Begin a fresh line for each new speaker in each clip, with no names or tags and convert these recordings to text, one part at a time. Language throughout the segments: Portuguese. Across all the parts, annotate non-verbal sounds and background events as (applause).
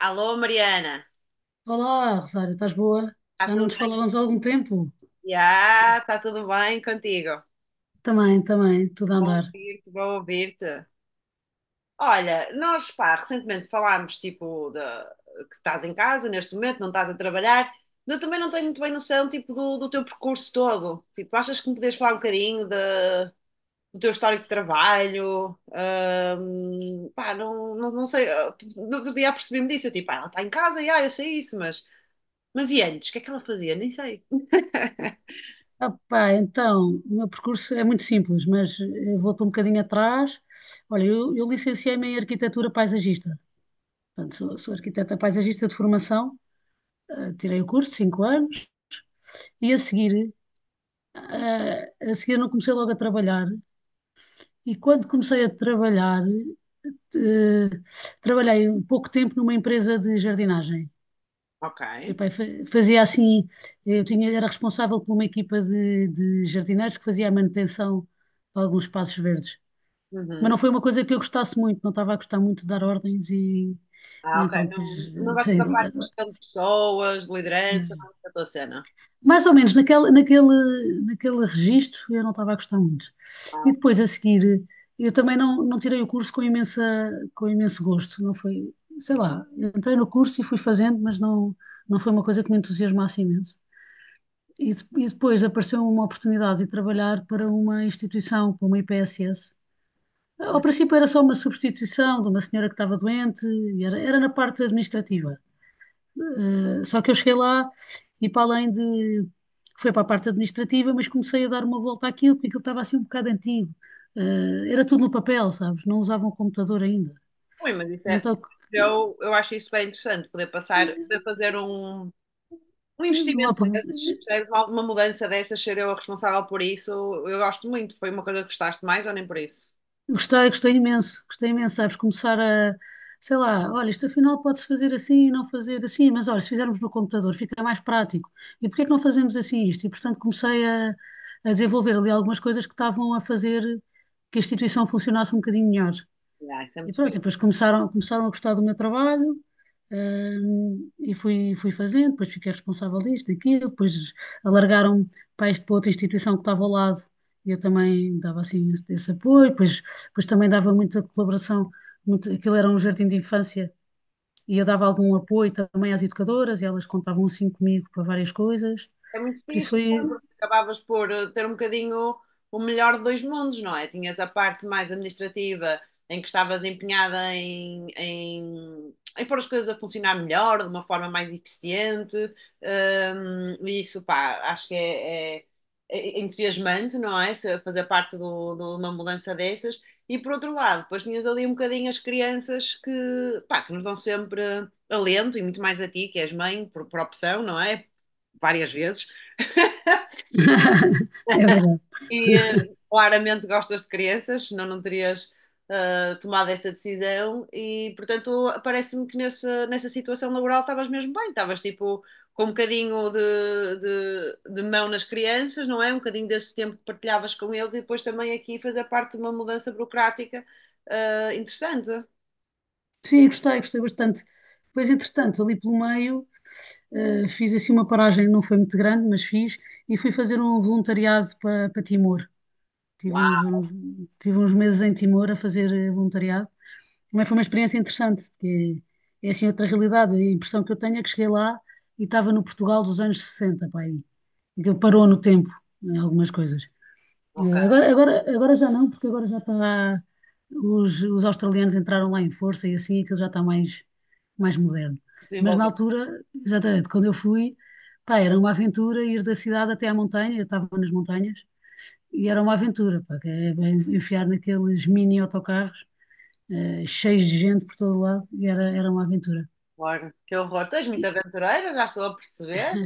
Alô, Mariana,
Olá, Rosário, estás boa?
está
Já não
tudo
nos
bem?
falávamos há algum tempo?
Já, está tudo bem contigo?
Também, também, tudo a
Bom
andar.
ouvir-te, bom ouvir-te. Olha, nós, pá, recentemente falámos, tipo, de, que estás em casa neste momento, não estás a trabalhar. Eu também não tenho muito bem noção, tipo, do teu percurso todo. Tipo, achas que me podes falar um bocadinho do teu histórico de trabalho? Pá, não sei, no outro dia apercebi-me disso, eu, tipo, ela está em casa, já, eu sei isso, mas... Mas e antes, o que é que ela fazia? Nem sei.
Ah, pá, então, o meu percurso é muito simples, mas volto um bocadinho atrás. Olha, eu licenciei-me em arquitetura paisagista. Portanto, sou arquiteta paisagista de formação. Ah, tirei o curso, 5 anos, e a seguir, ah, a seguir não comecei logo a trabalhar. E quando comecei a trabalhar, eh, trabalhei pouco tempo numa empresa de jardinagem.
Ok.
Epá, fazia assim, eu tinha, era responsável por uma equipa de jardineiros que fazia a manutenção de alguns espaços verdes. Mas não
Uhum.
foi uma coisa que eu gostasse muito, não estava a gostar muito de dar ordens e
Ah, ok.
então
Não,
depois
não gostas
saí
da
do
parte de
laboratório.
gestão de pessoas, de liderança,
Eh,
não é a tua cena.
Mais ou menos naquele registro eu não estava a gostar muito.
Ah,
E depois
ok.
a seguir, eu também não tirei o curso com imensa, com imenso gosto, não foi, sei
Hum,
lá, entrei no curso e fui fazendo, mas não, não foi uma coisa que me entusiasmasse imenso. E, e depois apareceu uma oportunidade de trabalhar para uma instituição, para uma IPSS. Ao
hum.
princípio era só uma substituição de uma senhora que estava doente, e era, era na parte administrativa. Só que eu cheguei lá e para além de... Foi para a parte administrativa, mas comecei a dar uma volta àquilo, porque aquilo estava assim um bocado antigo. Era tudo no papel, sabes? Não usavam computador ainda.
Ui, mas isso é.
Então,
Eu acho isso super interessante, poder passar, poder
eh,
fazer um
não há
investimento
problema.
desses, percebes? Uma mudança dessas, ser eu a responsável por isso, eu gosto muito. Foi uma coisa que gostaste mais ou nem por isso?
Gostei, gostei imenso, sabes, começar a, sei lá, olha, isto afinal pode-se fazer assim e não fazer assim, mas olha, se fizermos no computador fica mais prático. E porquê é que não fazemos assim isto? E portanto comecei a desenvolver ali algumas coisas que estavam a fazer que a instituição funcionasse um bocadinho melhor.
Ah, isso é
E
muito
pronto, e
fixe.
depois começaram a gostar do meu trabalho, e fui fazendo, depois fiquei responsável disto, daquilo, depois alargaram-me para para outra instituição que estava ao lado, e eu também dava assim esse apoio, depois, depois também dava muita colaboração, muito, aquilo era um jardim de infância, e eu dava algum apoio também às educadoras, e elas contavam assim comigo para várias coisas,
É muito
por isso
fixe,
foi...
então, porque acabavas por ter um bocadinho o melhor de dois mundos, não é? Tinhas a parte mais administrativa, em que estavas empenhada em pôr as coisas a funcionar melhor, de uma forma mais eficiente, e isso, pá, acho que é entusiasmante, não é? Fazer parte de uma mudança dessas. E por outro lado, depois tinhas ali um bocadinho as crianças que, pá, que nos dão sempre alento, e muito mais a ti, que és mãe, por opção, não é? Várias vezes.
(laughs) É verdade.
E claramente gostas de crianças, senão não terias tomado essa decisão. E portanto, parece-me que nessa situação laboral estavas mesmo bem, estavas tipo com um bocadinho de mão nas crianças, não é? Um bocadinho desse tempo que partilhavas com eles e depois também aqui fazer parte de uma mudança burocrática interessante.
Sim, gostei, gostei bastante. Depois, entretanto, ali pelo meio... fiz assim uma paragem, não foi muito grande, mas fiz, e fui fazer um voluntariado para Timor. Tive uns,
Uau,
uns- tive uns meses em Timor a fazer voluntariado. Também foi uma experiência interessante, porque é assim outra realidade. A impressão que eu tenho é que cheguei lá e estava no Portugal dos anos 60, pá, aí. Aquilo parou no tempo, em algumas coisas.
ok,
É, Agora já não, porque agora já está. Os australianos entraram lá em força e assim aquilo já está mais, mais moderno. Mas na
desenvolvi.
altura, exatamente, quando eu fui, pá, era uma aventura ir da cidade até à montanha, eu estava nas montanhas, e era uma aventura, pá, que é bem enfiar naqueles mini autocarros, cheios de gente por todo lado, e era uma aventura.
Horror. Que horror, tu és muito
E,
aventureira, já estou a perceber.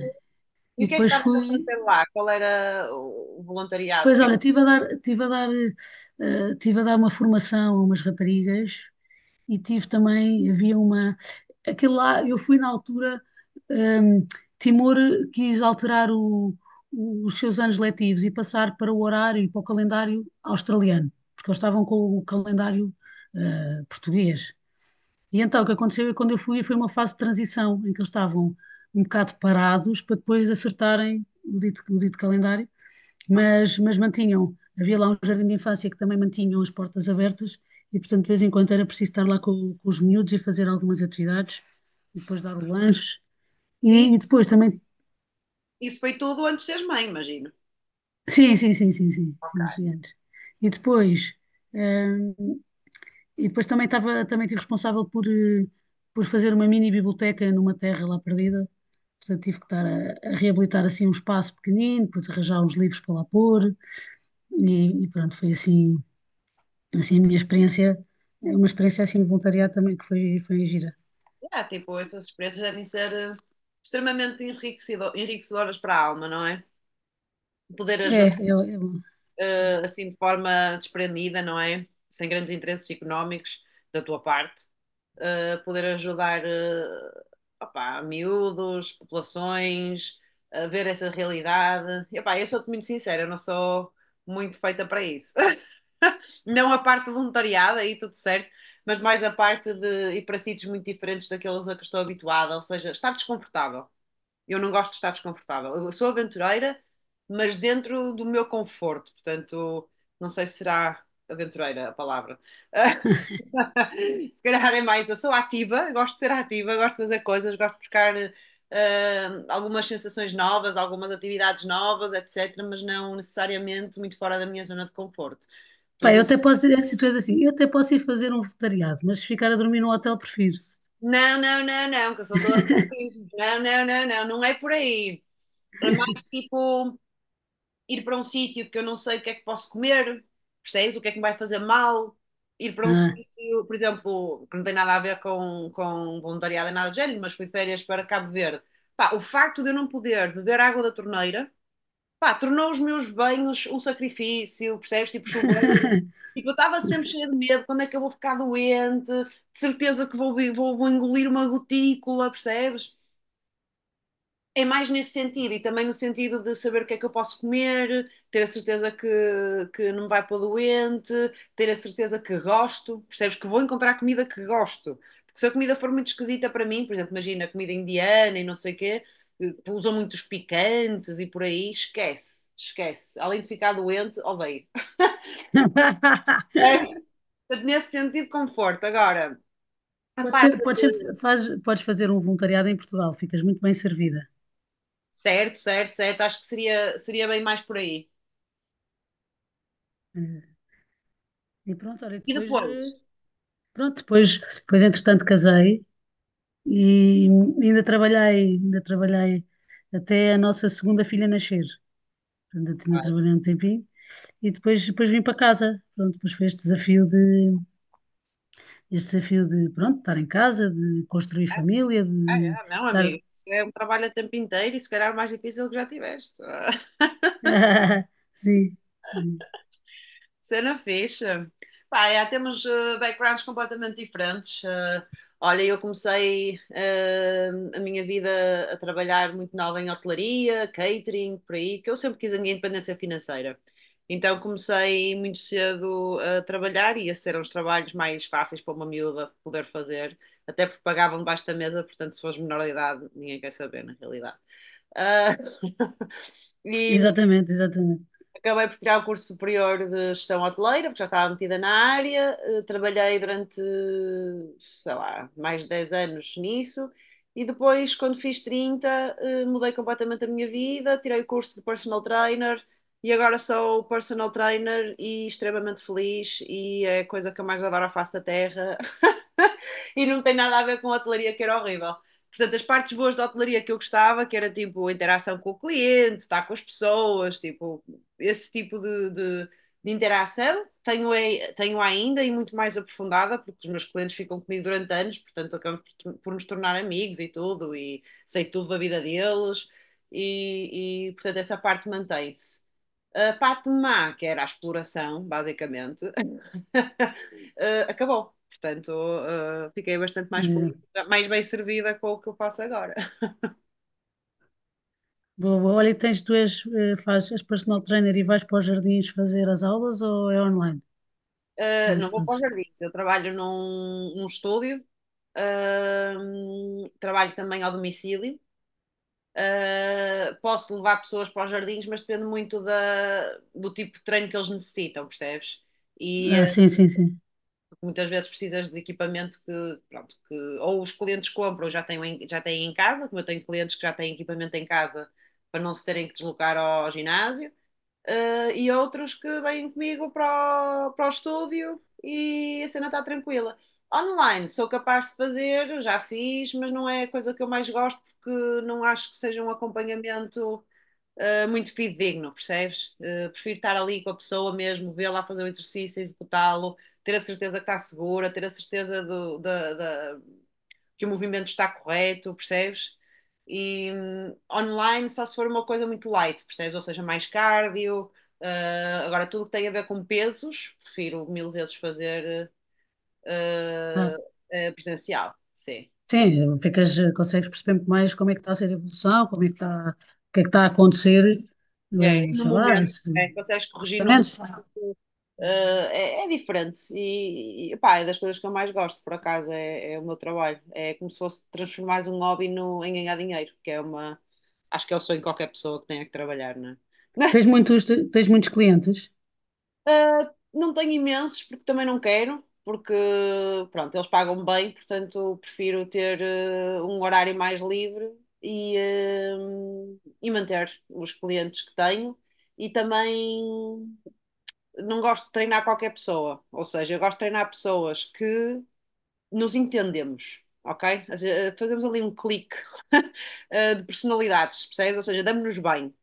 e
E o que é que
depois
estavas a
fui.
fazer lá? Qual era o voluntariado? O
Pois
que é
olha, estive a dar, tive a dar, tive a dar uma formação a umas raparigas e tive também, havia uma, aquele lá, eu fui na altura, ehm, Timor quis alterar os seus anos letivos e passar para o horário e para o calendário australiano, porque eles estavam com o calendário, português. E então o que aconteceu é que quando eu fui foi uma fase de transição em que eles estavam um bocado parados para depois acertarem o dito calendário, mas mantinham, havia lá um jardim de infância que também mantinham as portas abertas e, portanto, de vez em quando era preciso estar lá com os miúdos e fazer algumas atividades, e depois dar o lanche,
que...
e depois também.
Isso foi tudo antes de seres mãe, imagino.
Sim, sim, sim, sim, sim, sim, isso. E depois, hum, e depois também estive responsável por, por fazer uma mini biblioteca numa terra lá perdida, portanto tive que estar a reabilitar assim um espaço pequenino, depois arranjar uns livros para lá pôr, e pronto, foi assim. Assim, a minha experiência, é uma experiência assim de voluntariado também que foi gira.
Ah, tipo, essas experiências devem ser extremamente enriquecedoras para a alma, não é? Poder ajudar
É,
assim de forma desprendida, não é? Sem grandes interesses económicos da tua parte. Poder ajudar, opá, miúdos, populações, a ver essa realidade. E, opá, eu sou-te muito sincera, eu não sou muito feita para isso. (laughs) Não a parte de voluntariado, aí tudo certo, mas mais a parte de ir para sítios muito diferentes daqueles a que estou habituada, ou seja, estar desconfortável. Eu não gosto de estar desconfortável. Eu sou aventureira, mas dentro do meu conforto, portanto, não sei se será aventureira a palavra. (laughs) Se calhar é mais, eu sou ativa, gosto de ser ativa, gosto de fazer coisas, gosto de buscar algumas sensações novas, algumas atividades novas, etc., mas não necessariamente muito fora da minha zona de conforto.
pá, eu
Tudo.
até posso dizer assim, tu és assim, eu até posso ir fazer um voluntariado, mas se ficar a dormir num hotel prefiro.
Não, não, não, não, que eu sou toda fantasma. Não, não, não, não, não é por aí. É mais tipo ir para um sítio que eu não sei o que é que posso comer, percebes? O que é que me vai fazer mal. Ir para um
Ah.
sítio, por exemplo, que não tem nada a ver com voluntariado e nada do género, mas fui de férias para Cabo Verde. Pá, o facto de eu não poder beber água da torneira. Pá, tornou os meus banhos um sacrifício, percebes? Tipo chuveiro. Tipo, eu estava sempre cheia de medo, quando é que eu vou ficar doente? De certeza que vou engolir uma gotícula, percebes? É mais nesse sentido e também no sentido de saber o que é que eu posso comer, ter a certeza que não me vai pôr doente, ter a certeza que gosto, percebes? Que vou encontrar comida que gosto. Porque se a comida for muito esquisita para mim, por exemplo, imagina comida indiana e não sei o quê, que usam muitos picantes e por aí, esquece, esquece. Além de ficar doente, odeio.
(laughs)
É, nesse sentido, conforto. Agora, a
Podes ser,
parte
faz, podes fazer um voluntariado em Portugal, ficas muito bem servida.
certo, certo, certo, acho que seria bem mais por aí.
Eh, E pronto, olha,
E
depois,
depois,
pronto, depois, depois entretanto casei e ainda trabalhei até a nossa segunda filha nascer. Portanto, ainda trabalhei um tempinho. E depois, depois vim para casa. Pronto, depois foi pronto, estar em casa, de construir família,
ah,
de
é? Não, amigo.
estar.
Isso é um trabalho a tempo inteiro e se calhar o mais difícil que já tiveste. (laughs) Ah,
(laughs) Sim,
cena fixe. Pá, é, temos backgrounds completamente diferentes. Olha, eu comecei a minha vida a trabalhar muito nova em hotelaria, catering, por aí, que eu sempre quis a minha independência financeira. Então comecei muito cedo a trabalhar e esses eram os trabalhos mais fáceis para uma miúda poder fazer, até porque pagavam debaixo da mesa, portanto, se fores menor de idade, ninguém quer saber, na realidade. Ah, e
exatamente, exatamente.
acabei por tirar o curso superior de gestão hoteleira, porque já estava metida na área. Trabalhei durante, sei lá, mais de 10 anos nisso. E depois, quando fiz 30 mudei completamente a minha vida, tirei o curso de personal trainer e agora sou personal trainer e extremamente feliz. E é a coisa que eu mais adoro à face da terra. (laughs) E não tem nada a ver com a hotelaria, que era horrível. Portanto, as partes boas da hotelaria que eu gostava, que era tipo a interação com o cliente, estar com as pessoas, tipo, esse tipo de interação, é, tenho ainda e muito mais aprofundada, porque os meus clientes ficam comigo durante anos, portanto, acabamos por nos tornar amigos e tudo, e sei tudo da vida deles, e portanto, essa parte mantém-se. A parte má, que era a exploração, basicamente, (laughs) acabou. Portanto, fiquei bastante mais feliz,
Exato.
mais bem servida com o que eu faço agora.
Boa, boa. Olha, tens, tu és, és personal trainer e vais para os jardins fazer as aulas ou é online? Como é que
Não vou para os
fazes?
jardins, eu trabalho num estúdio, trabalho também ao domicílio. Posso levar pessoas para os jardins, mas depende muito do tipo de treino que eles necessitam, percebes? E,
Ah, sim, sim, sim.
muitas vezes precisas de equipamento que, pronto, que ou os clientes compram, já têm em casa, como eu tenho clientes que já têm equipamento em casa para não se terem que deslocar ao ginásio, e outros que vêm comigo para o estúdio e a cena está tranquila. Online sou capaz de fazer, já fiz, mas não é a coisa que eu mais gosto porque não acho que seja um acompanhamento muito digno, percebes? Prefiro estar ali com a pessoa mesmo, vê-la fazer o exercício, executá-lo, ter a certeza que está segura, ter a certeza da, que o movimento está correto, percebes? E online só se for uma coisa muito light, percebes? Ou seja, mais cardio. Agora, tudo que tem a ver com pesos, prefiro mil vezes fazer
Ah,
uh, presencial. Sim, sim.
sim, ficas, consegues perceber muito mais como é que está a ser a evolução, como é que está, o que é que está a acontecer,
É, e no
sei lá,
momento,
se-
é, consegues corrigir no
exatamente.
É, diferente e pá, é das coisas que eu mais gosto, por acaso, é o meu trabalho. É como se fosse transformar um hobby no, em ganhar dinheiro, que é uma. Acho que é o sonho de qualquer pessoa que tenha que trabalhar, não é?
Tens
(laughs)
muitos, tens muitos clientes?
Não tenho imensos porque também não quero, porque pronto, eles pagam bem, portanto prefiro ter um horário mais livre e manter os clientes que tenho e também não gosto de treinar qualquer pessoa, ou seja, eu gosto de treinar pessoas que nos entendemos, ok? Fazemos ali um clique (laughs) de personalidades, percebes? Ou seja, damos-nos bem.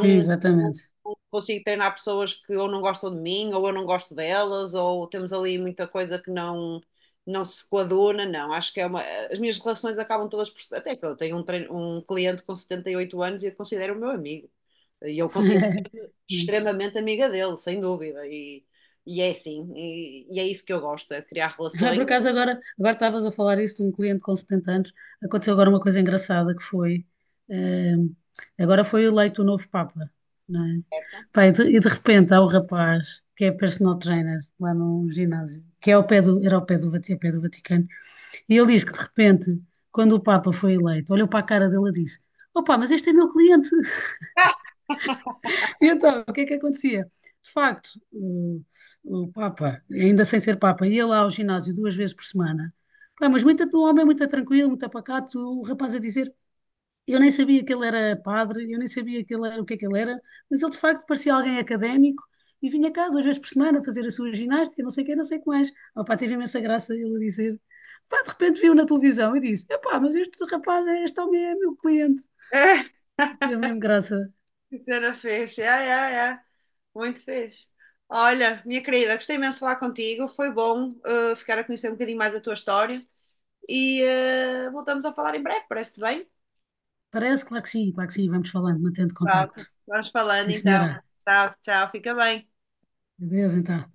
Sim, exatamente.
não consigo treinar pessoas que ou não gostam de mim, ou eu não gosto delas, ou temos ali muita coisa que não. Não se coaduna, não. Acho que é uma. As minhas relações acabam todas por. Até que eu tenho um cliente com 78 anos e eu considero o meu amigo. E eu considero
(laughs)
extremamente amiga dele, sem dúvida. E é assim. E é isso que eu gosto, é criar
Ah,
relações.
por acaso, agora, agora estavas a falar isso de um cliente com 70 anos. Aconteceu agora uma coisa engraçada que foi. eh, agora foi eleito o novo Papa, não é?
Certo.
Pá, e de repente há um rapaz que é personal trainer lá num ginásio, que é ao pé do, era ao pé do, ao pé do Vaticano, e ele diz que de repente, quando o Papa foi eleito, olhou para a cara dele e disse: "Opa, mas este é meu cliente." E então, o que é que acontecia? De facto, o Papa, ainda sem ser Papa, ia lá ao ginásio duas vezes por semana. Pá, mas muito, um homem é muito tranquilo, muito apacato, o rapaz a dizer, eu nem sabia que ele era padre, eu nem sabia que ele era, o que é que ele era, mas ele de facto parecia alguém académico e vinha cá duas vezes por semana fazer a sua ginástica, não sei o que, não sei o que mais. Ah, pá, teve imensa graça ele a dizer. Pá, de repente viu na televisão e disse, epá, mas este rapaz, é, este homem é meu cliente.
(laughs) É,
Teve mesmo graça.
que cena fez. É, é, é. Muito fez. Olha, minha querida, gostei imenso de falar contigo. Foi bom ficar a conhecer um bocadinho mais a tua história. E voltamos a falar em breve, parece-te bem?
Parece, claro que sim, claro que sim. Vamos falando, mantendo contacto.
Pronto, vamos falando
Sim,
então.
senhora.
Tchau, tchau, fica bem.
Adeus, então.